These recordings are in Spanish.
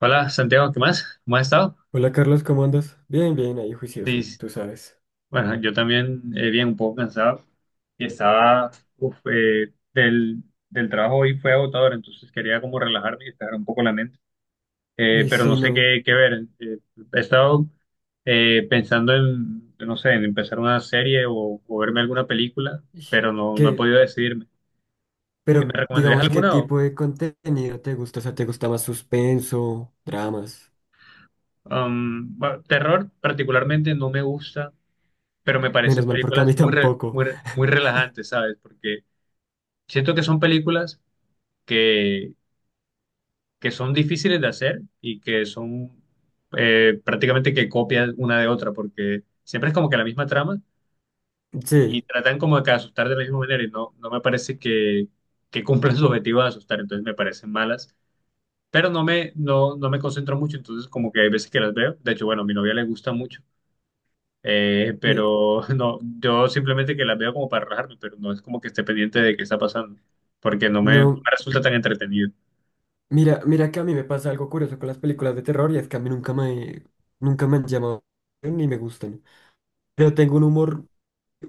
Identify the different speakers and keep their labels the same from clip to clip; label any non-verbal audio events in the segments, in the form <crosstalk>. Speaker 1: Hola Santiago, ¿qué más? ¿Cómo has estado?
Speaker 2: Hola Carlos, ¿cómo andas? Bien, bien, ahí
Speaker 1: Sí,
Speaker 2: juicioso,
Speaker 1: sí.
Speaker 2: tú sabes.
Speaker 1: Bueno, yo también bien, un poco cansado y estaba, uf, eh, del, del trabajo hoy fue agotador, entonces quería como relajarme y despejar un poco la mente.
Speaker 2: Y
Speaker 1: Pero
Speaker 2: si
Speaker 1: no sé
Speaker 2: no,
Speaker 1: qué ver. He estado pensando en, no sé, en empezar una serie o verme alguna película,
Speaker 2: y-
Speaker 1: pero no he
Speaker 2: ¿qué?
Speaker 1: podido decidirme. ¿Me
Speaker 2: Pero
Speaker 1: recomendarías
Speaker 2: digamos, ¿qué
Speaker 1: alguna?
Speaker 2: tipo de contenido te gusta? O sea, ¿te gusta más suspenso, dramas?
Speaker 1: Bueno, terror particularmente no me gusta, pero me parecen
Speaker 2: Menos mal porque a
Speaker 1: películas
Speaker 2: mí <laughs> tampoco.
Speaker 1: muy relajantes, ¿sabes? Porque siento que son películas que, que son difíciles de hacer y que son prácticamente que copian una de otra, porque siempre es como que la misma trama y
Speaker 2: Sí,
Speaker 1: tratan como que asustar de la misma manera y no me parece que cumplan su objetivo de asustar, entonces me parecen malas. Pero no me concentro mucho, entonces como que hay veces que las veo. De hecho, bueno, a mi novia le gusta mucho.
Speaker 2: mi-
Speaker 1: Pero <laughs> no, yo simplemente que las veo como para relajarme, pero no es como que esté pendiente de qué está pasando, porque no me
Speaker 2: no,
Speaker 1: resulta tan entretenido.
Speaker 2: mira que a mí me pasa algo curioso con las películas de terror, y es que a mí nunca me han llamado ni me gustan. Pero tengo un humor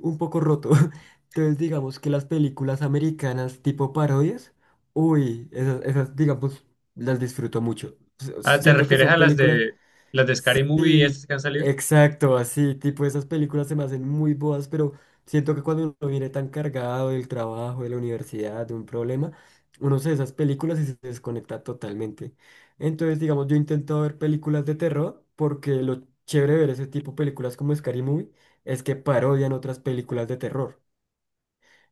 Speaker 2: un poco roto. <laughs> Entonces, digamos que las películas americanas tipo parodias, uy, esas digamos, las disfruto mucho. S-
Speaker 1: Ah, ¿te
Speaker 2: Siento que
Speaker 1: refieres
Speaker 2: son
Speaker 1: a
Speaker 2: películas.
Speaker 1: las de Scary Movie estas
Speaker 2: Sí,
Speaker 1: que han salido?
Speaker 2: exacto, así, tipo esas películas se me hacen muy boas, pero siento que cuando uno viene tan cargado del trabajo, de la universidad, de un problema, uno se ve esas películas y se desconecta totalmente. Entonces, digamos, yo intento ver películas de terror porque lo chévere de ver ese tipo de películas como Scary Movie es que parodian otras películas de terror.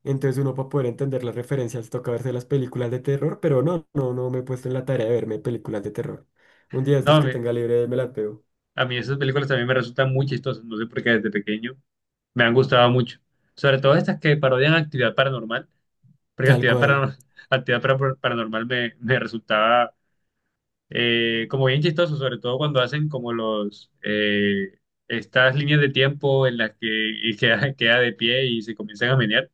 Speaker 2: Entonces uno, para poder entender las referencias, toca verse las películas de terror, pero no me he puesto en la tarea de verme películas de terror. Un día de
Speaker 1: No,
Speaker 2: estos que tenga libre me las veo.
Speaker 1: a mí esas películas también me resultan muy chistosas, no sé por qué desde pequeño me han gustado mucho. Sobre todo estas que parodian actividad paranormal, porque
Speaker 2: Tal
Speaker 1: actividad
Speaker 2: cual.
Speaker 1: paranormal, <laughs> paranormal me resultaba como bien chistoso, sobre todo cuando hacen como los estas líneas de tiempo en las que <laughs> y queda de pie y se comienzan a menear.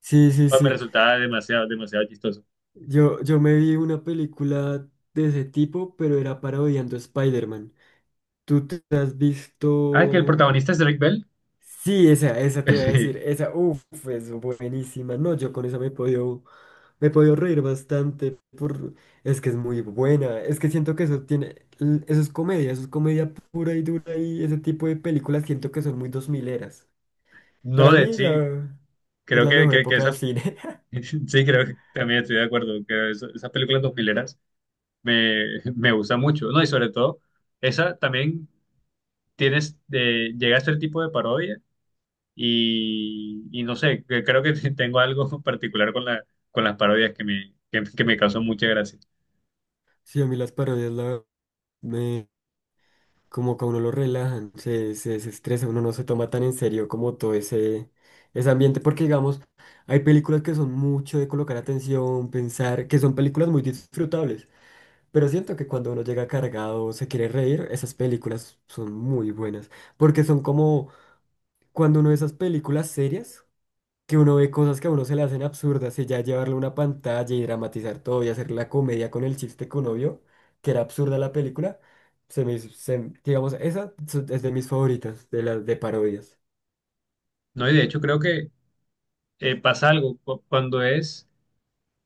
Speaker 2: Sí, sí,
Speaker 1: Pues me
Speaker 2: sí.
Speaker 1: resultaba demasiado, demasiado chistoso.
Speaker 2: Yo me vi una película de ese tipo, pero era parodiando a Spider-Man. ¿Tú te has
Speaker 1: Ah, que el
Speaker 2: visto?
Speaker 1: protagonista es Drake Bell.
Speaker 2: Sí, esa
Speaker 1: <laughs>
Speaker 2: te iba a
Speaker 1: Sí.
Speaker 2: decir. Esa, uff, es buenísima. No, yo con esa me he podido reír bastante. Por... Es que es muy buena. Es que siento que eso tiene, eso es comedia pura y dura, y ese tipo de películas siento que son muy dos mileras.
Speaker 1: No,
Speaker 2: Para
Speaker 1: de
Speaker 2: mí
Speaker 1: sí,
Speaker 2: la... es
Speaker 1: creo
Speaker 2: la mejor
Speaker 1: que
Speaker 2: época del
Speaker 1: esa
Speaker 2: cine. <laughs>
Speaker 1: <laughs> sí, creo que también estoy de acuerdo, que esas películas dos mileras me, <laughs> me gusta mucho, ¿no? Y sobre todo, esa también tienes, de llega a ser tipo de parodia. Y no sé, que creo que <laughs> tengo algo particular con con las parodias que me causó mucha gracia.
Speaker 2: Sí, a mí las parodias la... me como que a uno lo relajan, se desestresa, uno no se toma tan en serio como todo ese, ese ambiente, porque digamos, hay películas que son mucho de colocar atención, pensar, que son películas muy disfrutables, pero siento que cuando uno llega cargado, se quiere reír, esas películas son muy buenas, porque son como cuando uno de esas películas serias que uno ve cosas que a uno se le hacen absurdas y ya llevarle una pantalla y dramatizar todo y hacer la comedia con el chiste que uno vio, que era absurda la película, se, digamos, es de mis favoritas, de las de parodias.
Speaker 1: No, y de hecho creo que pasa algo cuando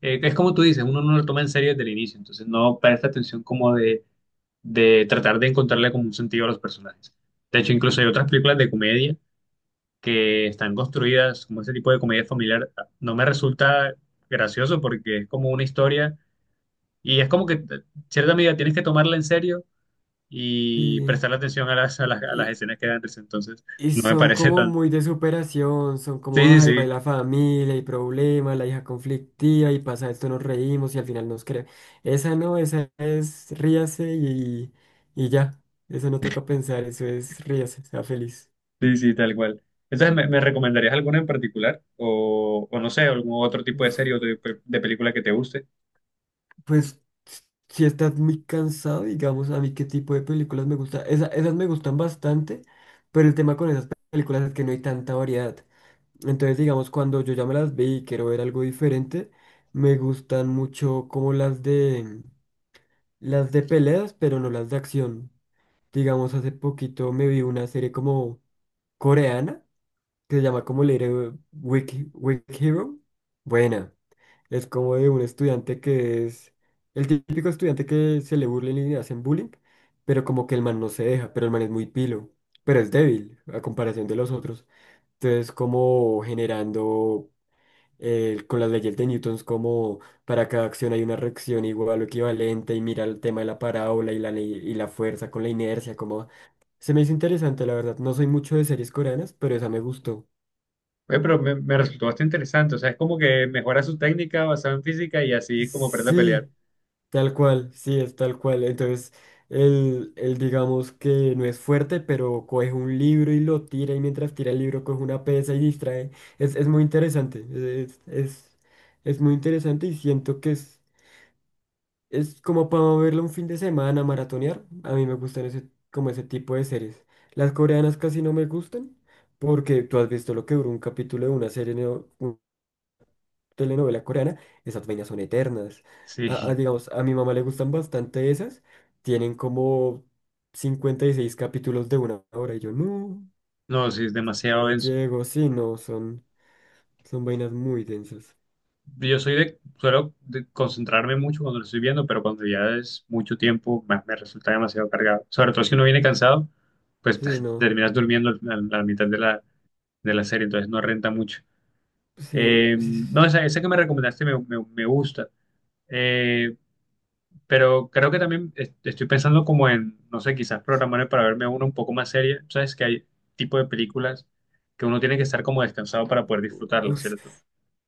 Speaker 1: es como tú dices, uno no lo toma en serio desde el inicio, entonces no presta atención como de tratar de encontrarle como un sentido a los personajes. De hecho, incluso hay otras películas de comedia que están construidas como ese tipo de comedia familiar. No me resulta gracioso porque es como una historia y es como que en cierta medida tienes que tomarla en serio y
Speaker 2: Sí.
Speaker 1: prestar atención a a las
Speaker 2: Y
Speaker 1: escenas que dan risa. Entonces,
Speaker 2: y
Speaker 1: no me
Speaker 2: son
Speaker 1: parece
Speaker 2: como
Speaker 1: tan...
Speaker 2: muy de superación, son
Speaker 1: Sí,
Speaker 2: como,
Speaker 1: sí,
Speaker 2: ay, va
Speaker 1: sí,
Speaker 2: la familia y problemas, la hija conflictiva y pasa esto, nos reímos y al final nos cree. Esa no, esa es ríase y ya, eso no toca pensar, eso es ríase, sea feliz.
Speaker 1: sí, sí, tal cual. Entonces, ¿me recomendarías alguna en particular? O no sé, algún otro tipo de serie o de película que te guste.
Speaker 2: Pues si estás muy cansado, digamos, a mí qué tipo de películas me gusta. Esas me gustan bastante, pero el tema con esas películas es que no hay tanta variedad. Entonces, digamos, cuando yo ya me las vi y quiero ver algo diferente, me gustan mucho como las de peleas, pero no las de acción. Digamos, hace poquito me vi una serie como coreana que se llama como Little Wiki Hero. Buena. Es como de un estudiante que es el típico estudiante que se le burlen y le hacen bullying, pero como que el man no se deja, pero el man es muy pilo, pero es débil a comparación de los otros. Entonces, como generando, con las leyes de Newton, como para cada acción hay una reacción igual o equivalente, y mira el tema de la parábola y y la fuerza con la inercia, como se me hizo interesante, la verdad. No soy mucho de series coreanas, pero esa me gustó.
Speaker 1: Oye, pero me resultó bastante interesante. O sea, es como que mejora su técnica basada en física y así es como aprende a pelear.
Speaker 2: Sí. Tal cual, sí, es tal cual. Entonces, él digamos que no es fuerte, pero coge un libro y lo tira, y mientras tira el libro coge una pesa y distrae. Es muy interesante, es, es, es muy interesante, y siento que es como para verlo un fin de semana, maratonear. A mí me gustan ese, como ese tipo de series. Las coreanas casi no me gustan, porque tú has visto lo que duró un capítulo de una serie, ¿no? Telenovela coreana, esas vainas son eternas.
Speaker 1: Sí,
Speaker 2: Digamos, a mi mamá le gustan bastante esas. Tienen como 56 capítulos de una hora. Y yo, no,
Speaker 1: <laughs> no, sí, es
Speaker 2: ya
Speaker 1: demasiado
Speaker 2: no
Speaker 1: denso.
Speaker 2: llego. Sí, no, son vainas muy densas.
Speaker 1: Yo soy de, suelo de concentrarme mucho cuando lo estoy viendo, pero cuando ya es mucho tiempo, me resulta demasiado cargado. Sobre todo si uno viene cansado, pues
Speaker 2: Sí,
Speaker 1: <laughs>
Speaker 2: no.
Speaker 1: terminas durmiendo a la mitad de de la serie, entonces no renta mucho.
Speaker 2: Sí, sí, sí.
Speaker 1: No, esa que me recomendaste me gusta. Eh, pero creo que también estoy pensando como en, no sé, quizás programarme para verme una un poco más seria. Sabes que hay tipo de películas que uno tiene que estar como descansado para poder disfrutarlas,
Speaker 2: Uf,
Speaker 1: ¿cierto?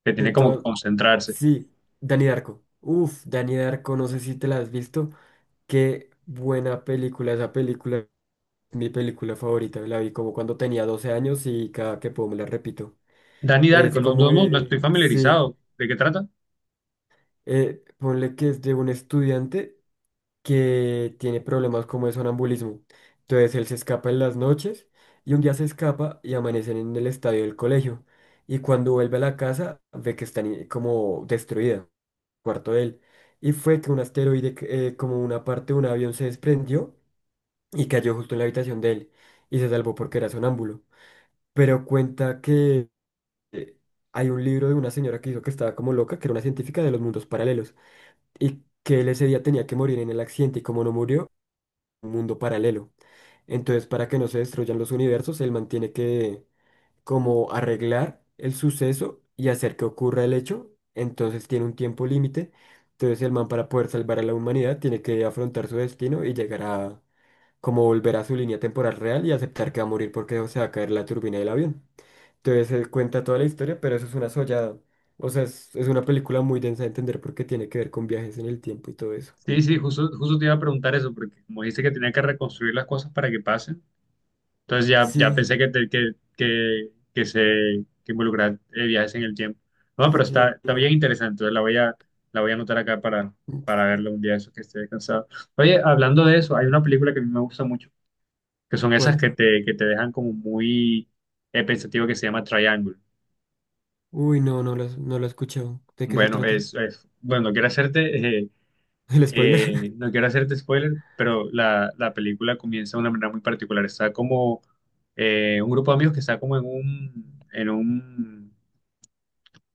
Speaker 1: Que
Speaker 2: de
Speaker 1: tiene como que
Speaker 2: todo-
Speaker 1: concentrarse.
Speaker 2: sí, Danny Darko. Uf, Danny Darko, no sé si te la has visto. Qué buena película esa película. Es mi película favorita, la vi como cuando tenía 12 años y cada que puedo me la repito.
Speaker 1: Danny
Speaker 2: Es
Speaker 1: Darko, no,
Speaker 2: como
Speaker 1: no, no, no estoy
Speaker 2: de, sí,
Speaker 1: familiarizado. ¿De qué trata?
Speaker 2: ponle que es de un estudiante que tiene problemas como de sonambulismo. Entonces él se escapa en las noches, y un día se escapa y amanecen en el estadio del colegio. Y cuando vuelve a la casa ve que está como destruida el cuarto de él. Y fue que un asteroide, que, como una parte de un avión, se desprendió y cayó justo en la habitación de él. Y se salvó porque era sonámbulo. Pero cuenta que eh, hay un libro de una señora que dijo que estaba como loca, que era una científica de los mundos paralelos, y que él ese día tenía que morir en el accidente y, como no murió, un mundo paralelo. Entonces, para que no se destruyan los universos, él mantiene que como arreglar el suceso y hacer que ocurra el hecho, entonces tiene un tiempo límite. Entonces el man, para poder salvar a la humanidad, tiene que afrontar su destino y llegar a como volver a su línea temporal real y aceptar que va a morir porque se va a caer la turbina del avión. Entonces se cuenta toda la historia, pero eso es una sollada. O sea, es una película muy densa de entender porque tiene que ver con viajes en el tiempo y todo eso.
Speaker 1: Sí, sí, justo, justo te iba a preguntar eso, porque como dice que tenía que reconstruir las cosas para que pasen, entonces ya, ya
Speaker 2: Sí,
Speaker 1: pensé que, que se que involucrar viajes en el tiempo. No, pero está,
Speaker 2: sí,
Speaker 1: está bien
Speaker 2: no.
Speaker 1: interesante, entonces la voy a anotar acá
Speaker 2: Ups,
Speaker 1: para verla un día eso que esté descansado. Oye, hablando de eso, hay una película que a mí me gusta mucho, que son esas
Speaker 2: ¿cuál?
Speaker 1: que te dejan como muy pensativo, que se llama Triangle.
Speaker 2: Uy, no lo he escuchado. ¿De qué se
Speaker 1: Bueno,
Speaker 2: trata?
Speaker 1: bueno, quiero hacerte...
Speaker 2: <laughs> ¿El spoiler?
Speaker 1: eh,
Speaker 2: <laughs>
Speaker 1: no quiero hacerte spoiler, pero la película comienza de una manera muy particular. Está como un grupo de amigos que está como en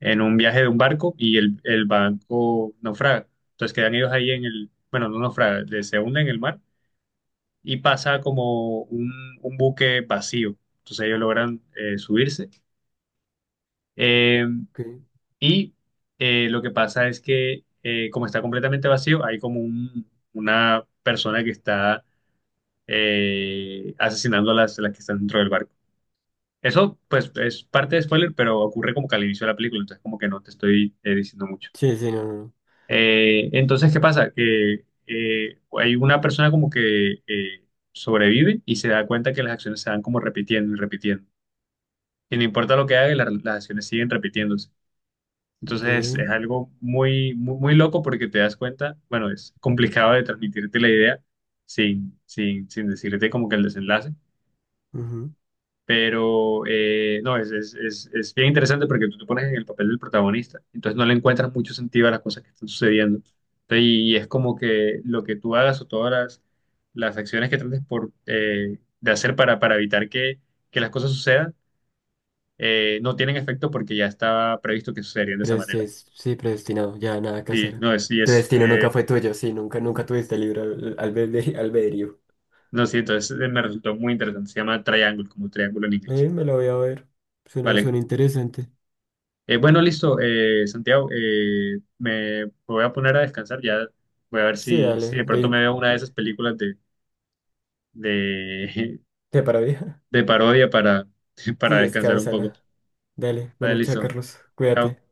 Speaker 1: en un viaje de un barco y el barco naufraga. Entonces quedan ellos ahí en el, bueno, no naufraga, se hunde en el mar y pasa como un buque vacío. Entonces ellos logran subirse. Eh,
Speaker 2: Ok.
Speaker 1: y lo que pasa es que como está completamente vacío, hay como una persona que está asesinando a las que están dentro del barco. Eso, pues, es parte de spoiler, pero ocurre como que al inicio de la película, entonces como que no te estoy diciendo mucho.
Speaker 2: Sí, sí, no, no, no.
Speaker 1: Entonces, ¿qué pasa? Que hay una persona como que sobrevive y se da cuenta que las acciones se van como repitiendo y repitiendo. Y no importa lo que haga, las acciones siguen repitiéndose. Entonces,
Speaker 2: Ve.
Speaker 1: es algo muy, muy, muy loco porque te das cuenta, bueno, es complicado de transmitirte la idea sin decirte como que el desenlace.
Speaker 2: Ujú.
Speaker 1: Pero no, es bien interesante porque tú te pones en el papel del protagonista, entonces no le encuentras mucho sentido a las cosas que están sucediendo. Entonces, y es como que lo que tú hagas o todas las acciones que trates por, de hacer para evitar que las cosas sucedan no tienen efecto porque ya estaba previsto que sucederían de esa manera.
Speaker 2: Sí, predestinado, ya nada que
Speaker 1: Sí,
Speaker 2: hacer.
Speaker 1: no, es, sí,
Speaker 2: Tu
Speaker 1: es,
Speaker 2: destino nunca fue tuyo, sí, nunca, nunca tuviste albedrío. <laughs>
Speaker 1: no, sí, entonces me resultó muy interesante. Se llama Triangle, como triángulo en inglés.
Speaker 2: Me lo voy a ver. Suena,
Speaker 1: Vale.
Speaker 2: suena interesante.
Speaker 1: Bueno, listo, Santiago, voy a poner a descansar, ya voy a ver
Speaker 2: Sí,
Speaker 1: si
Speaker 2: dale,
Speaker 1: de
Speaker 2: ve,
Speaker 1: pronto me
Speaker 2: y
Speaker 1: veo una de esas películas de,
Speaker 2: te para vieja.
Speaker 1: <laughs> de parodia para, <laughs>
Speaker 2: Sí,
Speaker 1: para descansar un poco.
Speaker 2: descánsala. Dale.
Speaker 1: Vale,
Speaker 2: Bueno, chao,
Speaker 1: listo,
Speaker 2: Carlos.
Speaker 1: chao.
Speaker 2: Cuídate.